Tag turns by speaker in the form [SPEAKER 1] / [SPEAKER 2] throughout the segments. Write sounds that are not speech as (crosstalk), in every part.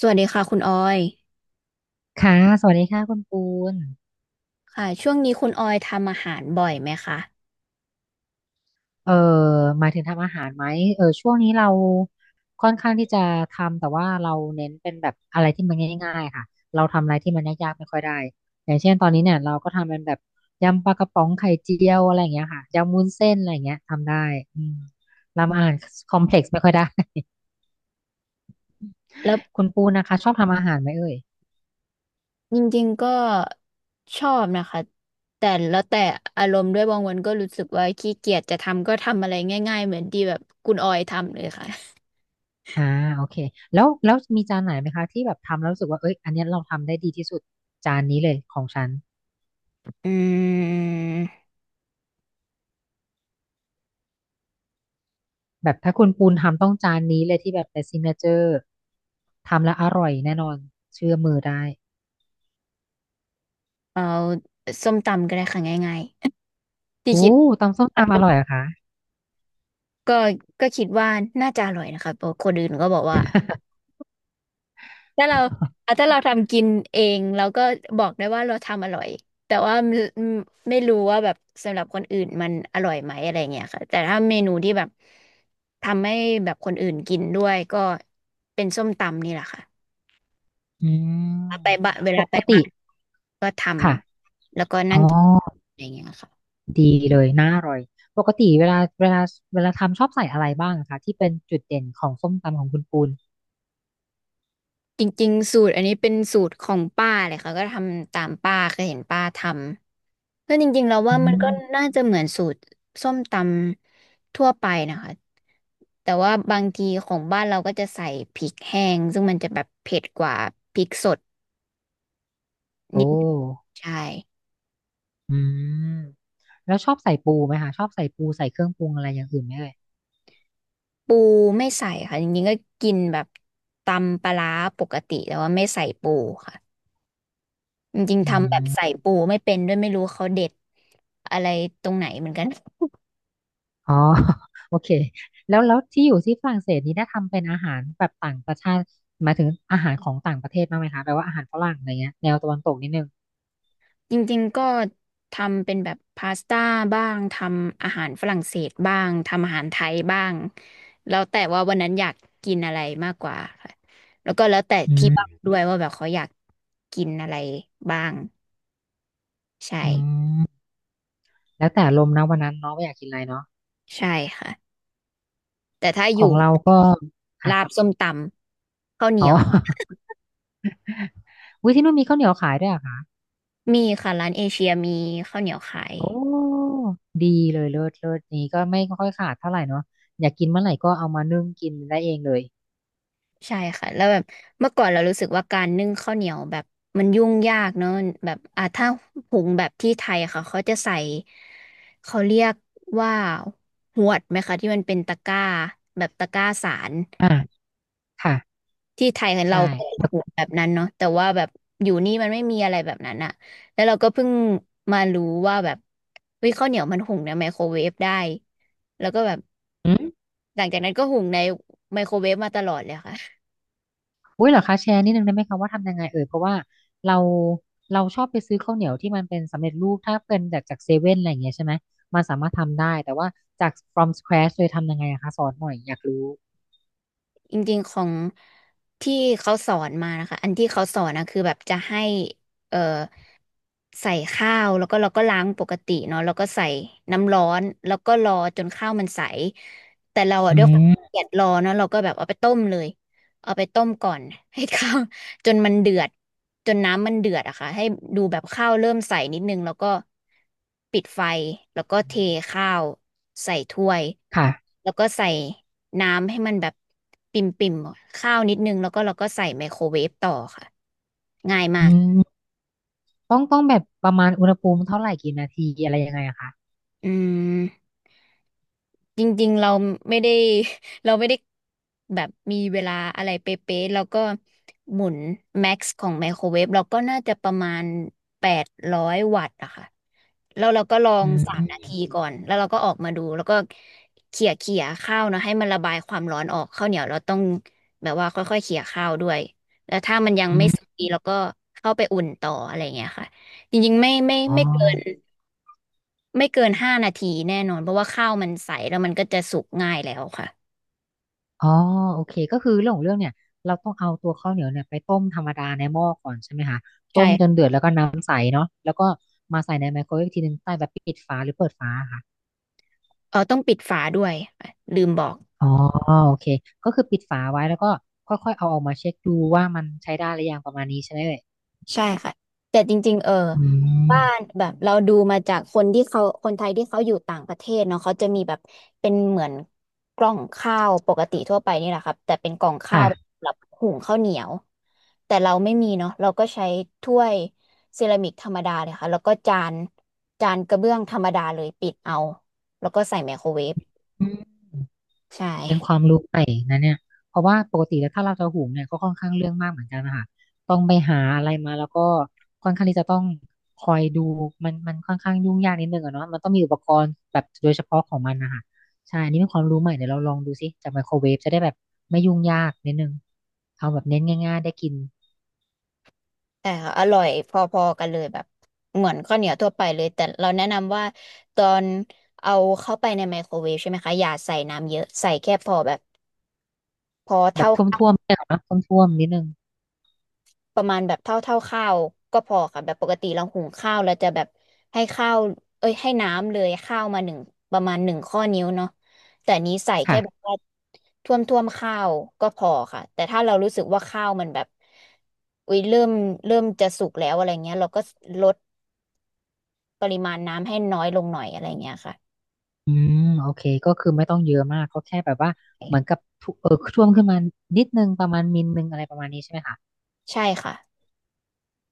[SPEAKER 1] สวัสดีค่ะคุณออย
[SPEAKER 2] ค่ะสวัสดีค่ะคุณปูน
[SPEAKER 1] ค่ะช่วงนี้คุณออยทำอาหารบ่อยไหมคะ
[SPEAKER 2] เอ่อหมายถึงทำอาหารไหมเออช่วงนี้เราค่อนข้างที่จะทำ แต่ว่าเราเน้นเป็นแบบอะไรที่มันง่ายๆค่ะเราทำอะไรที่มันยากๆไม่ค่อยได้อย่างเช่นตอนนี้เนี่ยเราก็ทำเป็นแบบยำปลากระป๋องไข่เจียวอะไรอย่างเงี้ยค่ะ ยำวุ้นเส้นอะไรอย่างเงี้ยทำได้อืม
[SPEAKER 1] อื
[SPEAKER 2] ทำ
[SPEAKER 1] ม
[SPEAKER 2] อาหารคอมเพล็กซ์ไม่ค่อยได้ (laughs)
[SPEAKER 1] แล้ว
[SPEAKER 2] คุณปูนนะคะชอบทำอาหารไหมเอ่ย
[SPEAKER 1] จริงๆก็ชอบนะคะแต่แล้วแต่อารมณ์ด้วยบางวันก็รู้สึกว่าขี้เกียจจะทำก็ทำอะไรง่ายๆเหมือนที่แบบคุณออยทำเลยค่ะ (laughs)
[SPEAKER 2] อ่าโอเคแล้วมีจานไหนไหมคะที่แบบทำแล้วรู้สึกว่าเอ้ยอันเนี้ยเราทำได้ดีที่สุดจานนี้เลยของฉัน
[SPEAKER 1] อืม
[SPEAKER 2] แบบถ้าคุณปูนทำต้องจานนี้เลยที่แบบเป็นซิกเนเจอร์ทำแล้วอร่อยแน่นอนเชื่อมือได้
[SPEAKER 1] เอาส้มตำก็ได้ค่ะง่ายๆ (laughs) ที่
[SPEAKER 2] โอ้
[SPEAKER 1] คิด
[SPEAKER 2] ตำส้มตำอร่อยเหรอะคะ
[SPEAKER 1] ก็ก็คิดว่าน่าจะอร่อยนะคะเพราะคนอื่นก็บอกว่า ถ้าเราอ่ะ
[SPEAKER 2] (laughs)
[SPEAKER 1] ถ้าเราทำกินเองเราก็บอกได้ว่าเราทำอร่อยแต่ว่าไม่รู้ว่าแบบสำหรับคนอื่นมันอร่อยไหมอะไรเงี้ยค่ะแต่ถ้าเมนูที่แบบทำให้แบบคนอื่นกินด้วยก็เป็นส้มตำนี่แหละค่ะ
[SPEAKER 2] อื
[SPEAKER 1] ไป
[SPEAKER 2] ม
[SPEAKER 1] บ้านเว
[SPEAKER 2] ป
[SPEAKER 1] ลาไป
[SPEAKER 2] กติ
[SPEAKER 1] บ้านก็ท
[SPEAKER 2] ค่ะ
[SPEAKER 1] ำแล้วก็
[SPEAKER 2] อ๋
[SPEAKER 1] นั่
[SPEAKER 2] อ
[SPEAKER 1] งกินอะไรเงี้ยค่ะ
[SPEAKER 2] ดีเลยน่าอร่อยปกติเวลาทำชอบใส่อะไรบ้างอะคะที่เป็นจุดเด่นของส้มตำของคุณปูน
[SPEAKER 1] จริงๆสูตรอันนี้เป็นสูตรของป้าเลยค่ะก็ทำตามป้าเคยเห็นป้าทำ ก็จริงๆเรา
[SPEAKER 2] อื
[SPEAKER 1] ว่ามันก็
[SPEAKER 2] ม
[SPEAKER 1] น่าจะเหมือนสูตรส้มตำทั่วไปนะคะแต่ว่าบางทีของบ้านเราก็จะใส่พริกแห้งซึ่งมันจะแบบเผ็ดกว่าพริกสด
[SPEAKER 2] โอ้
[SPEAKER 1] นิดนึงใช่
[SPEAKER 2] อืมแล้วชอบใส่ปูไหมคะชอบใส่ปูใส่เครื่องปรุงอะไรอย่างอื่นไหมเอ่ย
[SPEAKER 1] ปูไม่ใส่ค่ะจริงๆก็กินแบบตำปลาร้าปกติแต่ว่าไม่ใส่ปูค่ะจริงๆ
[SPEAKER 2] อื
[SPEAKER 1] ทำแบบ
[SPEAKER 2] ม
[SPEAKER 1] ใส่ปูไม่เป็นด้วยไม่รู้เขาเด็ดอะไรตรงไหนเหมือนกัน
[SPEAKER 2] อ๋อ (laughs) โอเคแล้วที่อยู่ที่ฝรั่งเศสนี้ได้ทำเป็นอาหารแบบต่างประชาติหมายถึงอาหารของต่างประเทศบ้างไหมคะแบบว่าอาหารฝรั่งอะไรเงี้ยแนวตะวันตกนิดนึง
[SPEAKER 1] จริงๆ ก็ทำเป็นแบบพาสต้าบ้างทำอาหารฝรั่งเศสบ้างทำอาหารไทยบ้างแล้วแต่ว่าวันนั้นอยากกินอะไรมากกว่าค่ะแล้วก็แล้วแต่
[SPEAKER 2] อื
[SPEAKER 1] ที่บ้าน
[SPEAKER 2] ม
[SPEAKER 1] ด้วยว่าแบบเขาอยากกินอะไรบ้างใช่
[SPEAKER 2] อืมแล้วแต่ลมณ์นะวันนั้นเนาะว่าอยากกินอะไรเนาะ
[SPEAKER 1] ใช่ค่ะแต่ถ้าอ
[SPEAKER 2] ของ
[SPEAKER 1] ยู่
[SPEAKER 2] เราก็ค่ะ
[SPEAKER 1] ลาบส้มตำข้าวเห
[SPEAKER 2] อ๋
[SPEAKER 1] นี
[SPEAKER 2] อ
[SPEAKER 1] ยว
[SPEAKER 2] (laughs) วิที่นู่นมีข้าวเหนียวขายด้วยเหรอะคะ
[SPEAKER 1] มีค่ะร้านเอเชียมีข้าวเหนียวขาย
[SPEAKER 2] โอ้ดีเลยเลิศเลิศนี้ก็ไม่ค่อยขาดเท่าไหร่เนาะอยากกินเมื่อไหร่ก็เอามานึ่งกินได้เองเลย
[SPEAKER 1] ใช่ค่ะแล้วแบบเมื่อก่อนเรารู้สึกว่าการนึ่งข้าวเหนียวแบบมันยุ่งยากเนอะแบบอ่ะถ้าหุงแบบที่ไทยค่ะเขาจะใส่เขาเรียกว่าหวดไหมคะที่มันเป็นตะกร้าแบบตะกร้าสาร
[SPEAKER 2] อ่าค่ะ
[SPEAKER 1] ที่ไทยของเรา
[SPEAKER 2] ใช่
[SPEAKER 1] ก็เปหวดแบบนั้นเนาะแต่ว่าแบบอยู่นี่มันไม่มีอะไรแบบนั้นอะแล้วเราก็เพิ่งมารู้ว่าแบบวิข้าวเหนียวมันหุงในไมโครเวฟได้แล้วก็แบบหลังจากนั้นก็หุงในไมโครเวฟมาตลอดเลยค่ะ
[SPEAKER 2] อุ้ยเหรอคะแชร์นิดนึงได้ไหมคะว่าทำยังไงเอ่ยเพราะว่าเราเราชอบไปซื้อข้าวเหนียวที่มันเป็นสำเร็จรูปถ้าเป็นจากเซเว่นอะไรอย่างเงี้ยใช่ไหมมันสามารถทำได้แต่ว่าจาก from scratch เลยทำยังไงอะคะสอนหน่อยอยากรู้
[SPEAKER 1] จริงๆของที่เขาสอนมานะคะอันที่เขาสอนนะคือแบบจะให้เอ่อใส่ข้าวแล้วก็เราก็ล้างปกติเนาะแล้วก็ใส่น้ำร้อนแล้วก็รอจนข้าวมันใสแต่เราอะ
[SPEAKER 2] อื
[SPEAKER 1] ด้วยความขี้
[SPEAKER 2] ม
[SPEAKER 1] เกลียดรอเนาะเราก็แบบเอาไปต้มเลยเอาไปต้มก่อนให้ข้าว (laughs) จนมันเดือดจนน้ำมันเดือดอะค่ะให้ดูแบบข้าวเริ่มใสนิดนึงแล้วก็ปิดไฟแล้วก็เทข้าวใส่ถ้วย
[SPEAKER 2] ค่ะ
[SPEAKER 1] แล้วก็ใส่ น้ำให้มันแบบปิ่มปิ่มข้าวนิดนึงแล้วก็เราก็ใส่ไมโครเวฟต่อค่ะง่ายมา
[SPEAKER 2] อื
[SPEAKER 1] ก
[SPEAKER 2] มต้องแบบประมาณอุณหภูมิเท่าไหร่กี่นาทีอะไรยังไงอะคะ
[SPEAKER 1] อืม จริงๆเราไม่ได้ (laughs) เราไม่ได้แบบมีเวลาอะไรเป๊ะๆแล้วก็หมุนแม็กซ์ของไมโครเวฟเราก็น่าจะประมาณ800 วัตต์อะค่ะแล้วเราก็ลอง
[SPEAKER 2] อื
[SPEAKER 1] สามนา
[SPEAKER 2] ม
[SPEAKER 1] ทีก่อนแล้วเราก็ออกมาดูแล้วก็เขี่ยเขี่ยข้าวเนอะให้มันระบายความร้อนออกข้าวเหนียวเราต้องแบบว่าค่อยๆเขี่ยข้าวด้วยแล้วถ้ามันยัง
[SPEAKER 2] อื
[SPEAKER 1] ไม่สุก
[SPEAKER 2] ม
[SPEAKER 1] ดีเราก็เข้าไปอุ่นต่ออะไรเงี้ยค่ะจริงๆ
[SPEAKER 2] อ๋อ
[SPEAKER 1] ไม่เกิน5 นาทีแน่นอนเพราะว่าข้าวมันใสแล้วมันก็จะสุกง่ายแล้วค่ะ
[SPEAKER 2] อ๋อโอเคก็คือเรื่องของเรื่องเนี่ยเราต้องเอาตัวข้าวเหนียวเนี่ยไปต้มธรรมดาในหม้อก่อนใช่ไหมคะต้มจน
[SPEAKER 1] ใช่
[SPEAKER 2] เดือดแล้วก็น้ำใสเนาะแล้วก็มาใส่ในไมโครเวฟอีกทีนึงใต้แบบปิดฝาหรือเปิดฝาค่ะ
[SPEAKER 1] ต้องปิดฝาด้วยค่ะลืมบอก
[SPEAKER 2] อ๋อโอเคก็คือปิดฝาไว้แล้วก็ค่อยๆเอาออกมาเช็คดูว่ามันใช้ได้หรือยังประมาณนี้ใช่ไหมเอ่ย
[SPEAKER 1] ใช่ค่ะแต่จริงๆ
[SPEAKER 2] อืม
[SPEAKER 1] บ้านแบบเราดูมาจากคนที่เขาคนไทยที่เขาอยู่ต่างประเทศเนาะเขาจะมีแบบเป็นเหมือนกล่องข้าวปกติทั่วไปนี่แหละครับแต่เป็นกล่องข้าว
[SPEAKER 2] ค่ะ
[SPEAKER 1] สำหรับหุงข้าวเหนียวแต่เราไม่มีเนาะเราก็ใช้ถ้วยเซรามิกธรรมดาเลยค่ะแล้วก็จานจานกระเบื้องธรรมดาเลยปิดเอาแล้วก็ใส่ไมโครเวฟ
[SPEAKER 2] อืม
[SPEAKER 1] ใช่
[SPEAKER 2] เป็นความรู้ใหม่นะเนี่ยเพราะว่าปกติแล้วถ้าเราจะหุงเนี่ยก็ค่อนข้างเรื่องมากเหมือนกันนะคะต้องไปหาอะไรมาแล้วก็ค่อนข้างที่จะต้องคอยดูมันมันค่อนข้างยุ่งยากนิดนึงอะเนาะมันต้องมีอุปกรณ์แบบโดยเฉพาะของมันนะคะใช่ อันนี่เป็นความรู้ใหม่เดี๋ยวเราลองดูสิจากไมโครเวฟจะได้แบบไม่ยุ่งยากนิดนึงเอาแบบเน้นง่ายๆได้กิน
[SPEAKER 1] แต่อร่อยพอๆกันเลยแบบเหมือนข้าวเหนียวทั่วไปเลยแต่เราแนะนำว่าตอนเอาเข้าไปในไมโครเวฟใช่ไหมคะอย่าใส่น้ำเยอะใส่แค่พอแบบพอ
[SPEAKER 2] แบบ
[SPEAKER 1] เท่า
[SPEAKER 2] ท
[SPEAKER 1] ข้าว
[SPEAKER 2] ่วมๆเนี่ยเนาะท่วมๆนิดนึง
[SPEAKER 1] ประมาณแบบเท่าข้าวก็พอค่ะแบบปกติเราหุงข้าวเราจะแบบให้ข้าวเอ้ยให้น้ำเลยข้าวมาหนึ่งประมาณ1 ข้อนิ้วเนาะแต่อันนี้ใส่แค่แบบ
[SPEAKER 2] ค่ะ
[SPEAKER 1] ว่าท่วมท่วมข้าวก็พอค่ะแต่ถ้าเรารู้สึกว่าข้าวมันแบบอุ้ยเริ่มจะสุกแล้วอะไรเงี้ยเราก็ลด ปริมาณน้ำให้น้อยลงหน่อยอะไรเงี้ยค่ะ
[SPEAKER 2] อืมโอเคก็คือไม่ต้องเยอะมากก็แค่แบบว่าเหมือนกับทุช่วงขึ้นมานิดนึงประมาณมิลนึงอะไรประมาณนี้ใช่ไหมคะ
[SPEAKER 1] ใช่ค่ะ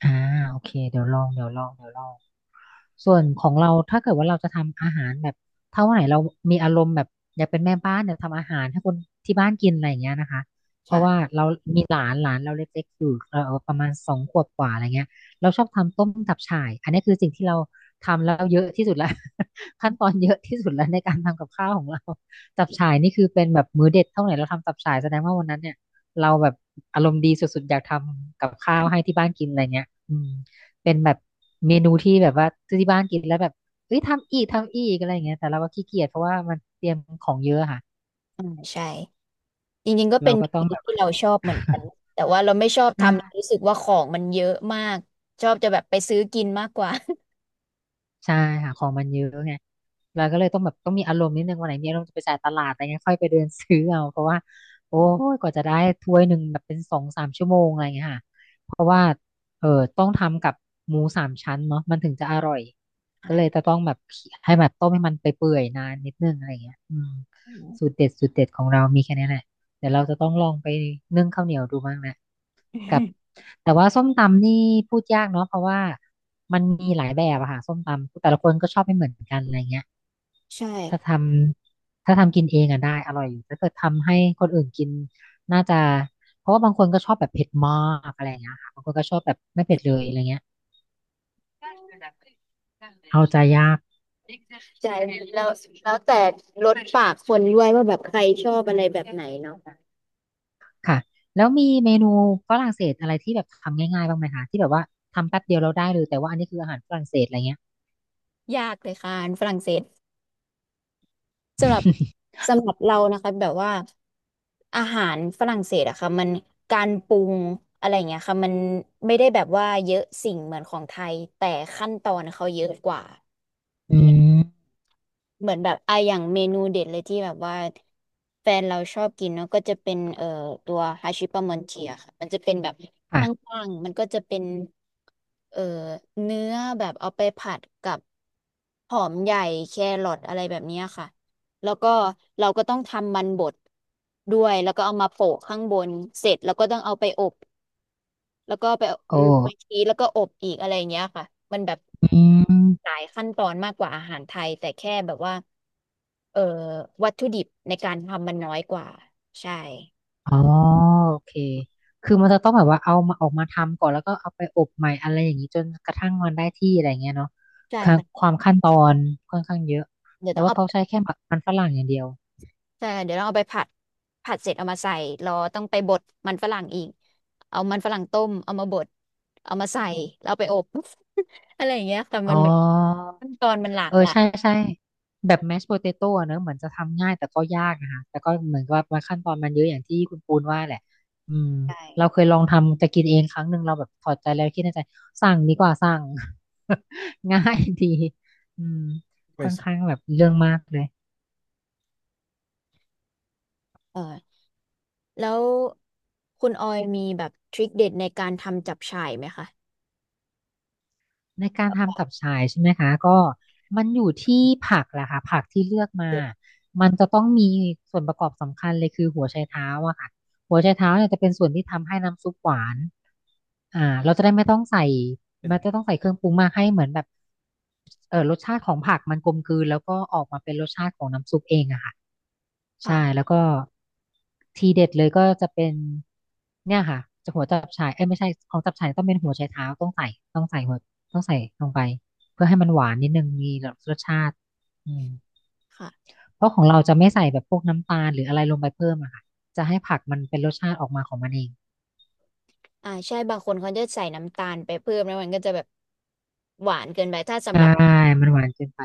[SPEAKER 2] อ่าโอเคเดี๋ยวลองเดี๋ยวลองเดี๋ยวลอง ส่วนของเราถ้าเกิดว่าเราจะทำอาหารแบบถ้าวันไหนเรามีอารมณ์แบบอยากเป็นแม่บ้านอยากทำอาหารให้คนที่บ้านกินอะไรอย่างเงี้ยนะคะเพราะว่า
[SPEAKER 1] ค่ะ
[SPEAKER 2] เรามีหลานหลานเราเล็กๆอยู่เราประมาณ2 ขวบกว่าอะไรเงี้ยเราชอบทำต้มตับฉ่ายอันนี้คือสิ่งที่เราทำแล้วเยอะที่สุดแล้ว (laughs) ขั้นตอนเยอะที่สุดแล้วในการทำกับข้าวของเราตับฉ่ายนี่คือเป็นแบบมื้อเด็ดเท่าไหร่เราทำตับฉ่ายแสดงว่าวันนั้นเนี่ยเราแบบอารมณ์ดีสุดๆอยากทำกับข้าวให้ที่บ้านกินอะไรเงี้ยอืม เป็นแบบเมนูที่แบบว่าที่บ้านกินแล้วแบบเอ้ยทำอีกทำอีกอะไรอย่างเงี้ยแต่เราก็ขี้เกียจเพราะว่ามันเตรียมของเยอะค่ะ
[SPEAKER 1] อืมใช่จริงๆก็เป็
[SPEAKER 2] เรา
[SPEAKER 1] น
[SPEAKER 2] ก็ต้
[SPEAKER 1] เม
[SPEAKER 2] อง
[SPEAKER 1] นู
[SPEAKER 2] แบบ
[SPEAKER 1] ที่
[SPEAKER 2] ว่า
[SPEAKER 1] เราชอบเหมือนกันแต่ว่าเราไม่ชอบ
[SPEAKER 2] ใช่
[SPEAKER 1] ทำเรารู้สึกว่าของมันเยอะมากชอบจะแบบไปซื้อกินมากกว่า (laughs)
[SPEAKER 2] ใช่หาของมันเยอะไงเราก็เลยต้องแบบต้องมีอารมณ์นิดนึงวันไหนมีอารมณ์จะไปจ่ายตลาดอะไรเงี้ยค่อยไปเดินซื้อเอาเพราะว่าโอ้ยกว่าจะได้ถ้วยหนึ่งแบบเป็นสองสามชั่วโมงอะไรเงี้ยค่ะเพราะว่าเออต้องทำกับหมูสามชั้นเนาะมันถึงจะอร่อยก็
[SPEAKER 1] ใช่
[SPEAKER 2] เลยจะต้องแบบให้แบบต้มให้มันไปเปื่อยนานนิดนึงอะไรเงี้ยอืม
[SPEAKER 1] อื
[SPEAKER 2] สูต
[SPEAKER 1] ม
[SPEAKER 2] รเด็ดสูตรเด็ดของเรามีแค่นี้แหละเดี๋ยวเราจะต้องลองไปนึ่งข้าวเหนียวดูบ้างแหละ กับแต่ว่าส้มตำนี่พูดยากเนาะเพราะว่ามันมีหลายแบบอะค่ะส้มตำแต่ละคนก็ชอบไม่เหมือนกันอะไรเงี้ย
[SPEAKER 1] ใช่
[SPEAKER 2] ถ้าทถ้าทำกินเองอะได้อร่อยอยู่ถ้าเกิดทำให้คนอื่นกินน่าจะเพราะว่าบางคนก็ชอบแบบเผ็ดมากอะไรเงี้ยค่ะบางคนก็ชอบแบบไม่เผ็ดเลยอะไรเงี้ยเอาใจยาก
[SPEAKER 1] ใช่แล้วแล้วแต่รสปากคนด้วยว่าแบบใครชอบอะไรแบบไหนเนาะ
[SPEAKER 2] ค่ะแล้วมีเมนูฝรั่งเศสอะไรที่แบบทำง่ายๆบ้างไหมคะที่แบบว่าทำแป๊บเดียวเราได้เลยแต่ว่าอันนี้คืออาหารฝรั่งเศสอะไรเงี้ย
[SPEAKER 1] ยากเลยค่ะฝรั่งเศส สำหรับสำหรับเรานะคะแบบว่าอาหารฝรั่งเศสอะค่ะมันการปรุงอะไรอย่างเงี้ยค่ะมันไม่ได้แบบว่าเยอะสิ่งเหมือนของไทยแต่ขั้นตอนเขาเยอะกว่า
[SPEAKER 2] (laughs) อืม (laughs)
[SPEAKER 1] เหมือนแบบอ่ะอย่างเมนูเด็ดเลยที่แบบว่าแฟนเราชอบกินเนาะก็จะเป็นตัวฮาชิปามอนเทียค่ะมันจะเป็นแบบข
[SPEAKER 2] ค่ะ
[SPEAKER 1] ้างๆมันก็จะเป็นเอ่อเนื้อแบบเอาไปผัดกับหอมใหญ่แครอทอะไรแบบเนี้ยค่ะแล้วก็เราก็ต้องทำมันบดด้วยแล้วก็เอามาโปะข้างบนเสร็จแล้วก็ต้องเอาไปอบ แล้วก็ไป
[SPEAKER 2] โอ้
[SPEAKER 1] ไปชีสแล้วก็อบอีกอะไรอย่างเงี้ยค่ะมันแบบ
[SPEAKER 2] อืม
[SPEAKER 1] หลายขั้นตอนมากกว่าอาหารไทยแต่แค่แบบว่าเอ่อวัตถุดิบในการทำมันน้อยกว่าใช่
[SPEAKER 2] อ๋อโอเค คือมันจะต้องแบบว่าเอามาออกมาทำก่อนแล้วก็เอาไปอบใหม่อะไรอย่างนี้จนกระทั่งมันได้ที่อะไรเงี้ยเนาะ
[SPEAKER 1] ใช่
[SPEAKER 2] ค่ะ
[SPEAKER 1] ค่ะ
[SPEAKER 2] ความขั้นตอนค่อนข้างเยอะ
[SPEAKER 1] เดี๋ยว
[SPEAKER 2] แต่
[SPEAKER 1] ต้อง
[SPEAKER 2] ว่าเขาใช้
[SPEAKER 1] เอา
[SPEAKER 2] แค่มันฝรั่งอย่างเดียว
[SPEAKER 1] ใช่เดี๋ยวต้องเอาไปผัดผัดเสร็จเอามาใส่รอต้องไปบดมันฝรั่งอีกเอามันฝรั่งต้มเอามาบดเอามาใส่แล้วเอาไปอบ (laughs) อะไรอย่างเงี้ยค่ะ
[SPEAKER 2] อ๋อ
[SPEAKER 1] มันแบบขั้นตอนมันหลาก
[SPEAKER 2] เออ
[SPEAKER 1] หลา
[SPEAKER 2] ใช่
[SPEAKER 1] ย
[SPEAKER 2] ใช่แบบแมชโพเตโต้เนอะเหมือนจะทำง่ายแต่ก็ยากนะคะแต่ก็เหมือนกับว่าขั้นตอนมันเยอะอย่างที่คุณปูนว่าแหละอืม
[SPEAKER 1] ใช่
[SPEAKER 2] เราเคยลองทำจะกินเองครั้งหนึ่งเราแบบถอดใจแล้วคิดในใจสั่งดีกว่าสั่ง (laughs) ง่ายดีอืมค่อนข้างแบบเรื่องมากเลย
[SPEAKER 1] เออ แล้วคุณออยมีแบบทริคเด็ดในการทำจับฉ่ายไหมคะ
[SPEAKER 2] ในการทำตับฉายใช่ไหมคะก็มันอยู่ที่ผักแหละค่ะผักที่เลือกมามันจะต้องมีส่วนประกอบสำคัญเลยคือหัวไชเท้าอะค่ะหัวไชเท้าเนี่ยจะเป็นส่วนที่ทำให้น้ำซุปหวานอ่าเราจะได้ไม่ต้องใส่มันจะต้องใส่เครื่องปรุงมากให้เหมือนแบบ รสชาติของผักมันกลมกลืนแล้วก็ออกมาเป็นรสชาติของน้ำซุปเองอะค่ะใช่
[SPEAKER 1] ค่ะ
[SPEAKER 2] แล้วก็ทีเด็ดเลยก็จะเป็นเนี่ยค่ะจะหัวจับฉ่ายเอ้ยไม่ใช่ของจับฉ่ายต้องเป็นหัวไชเท้าต้องใส่ต้องใส่หัวต้องใส่ลงไปเพื่อให้มันหวานนิดนึงมีรสชาติอืม
[SPEAKER 1] ค่ะ
[SPEAKER 2] เพราะของเราจะไม่ใส่แบบพวกน้ำตาลหรืออะไรลงไปเพิ่มอะค่ะจะให้ผักมันเป็นรสชาติออกมาของมันเอง
[SPEAKER 1] อ่าใช่บางคนเขาจะใส่น้ำตาลไปเพิ่มแล้วมันก็จะแบบหวานเกินไปถ้าสำ
[SPEAKER 2] ใช่
[SPEAKER 1] หรับ
[SPEAKER 2] มันหวานเกินไป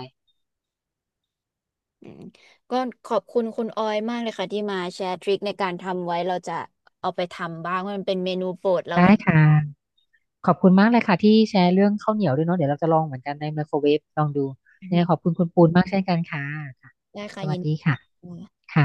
[SPEAKER 1] อืมก็ขอบคุณคุณออยมากเลยค่ะที่มาแชร์ทริคในการทำไว้เราจะเอาไปทำบ้างเพราะมันเป็นเมนูโปรดเรา
[SPEAKER 2] ได้
[SPEAKER 1] เหมือนกัน
[SPEAKER 2] ค่ะ ขอบคุณมากเลยค่ะที่แชร์เรื่องข้าวเหนียวด้วยเนาะเดี๋ยวเราจะลองเหมือนกันในไมโครเวฟลองดูเนี่ยขอบคุณคุณปูนมากเช่นกันค่ะค่ะ
[SPEAKER 1] ได้
[SPEAKER 2] ส
[SPEAKER 1] ค่ะ
[SPEAKER 2] วั
[SPEAKER 1] ยิ
[SPEAKER 2] ส
[SPEAKER 1] น
[SPEAKER 2] ดี
[SPEAKER 1] ดี
[SPEAKER 2] ค่ะค่ะ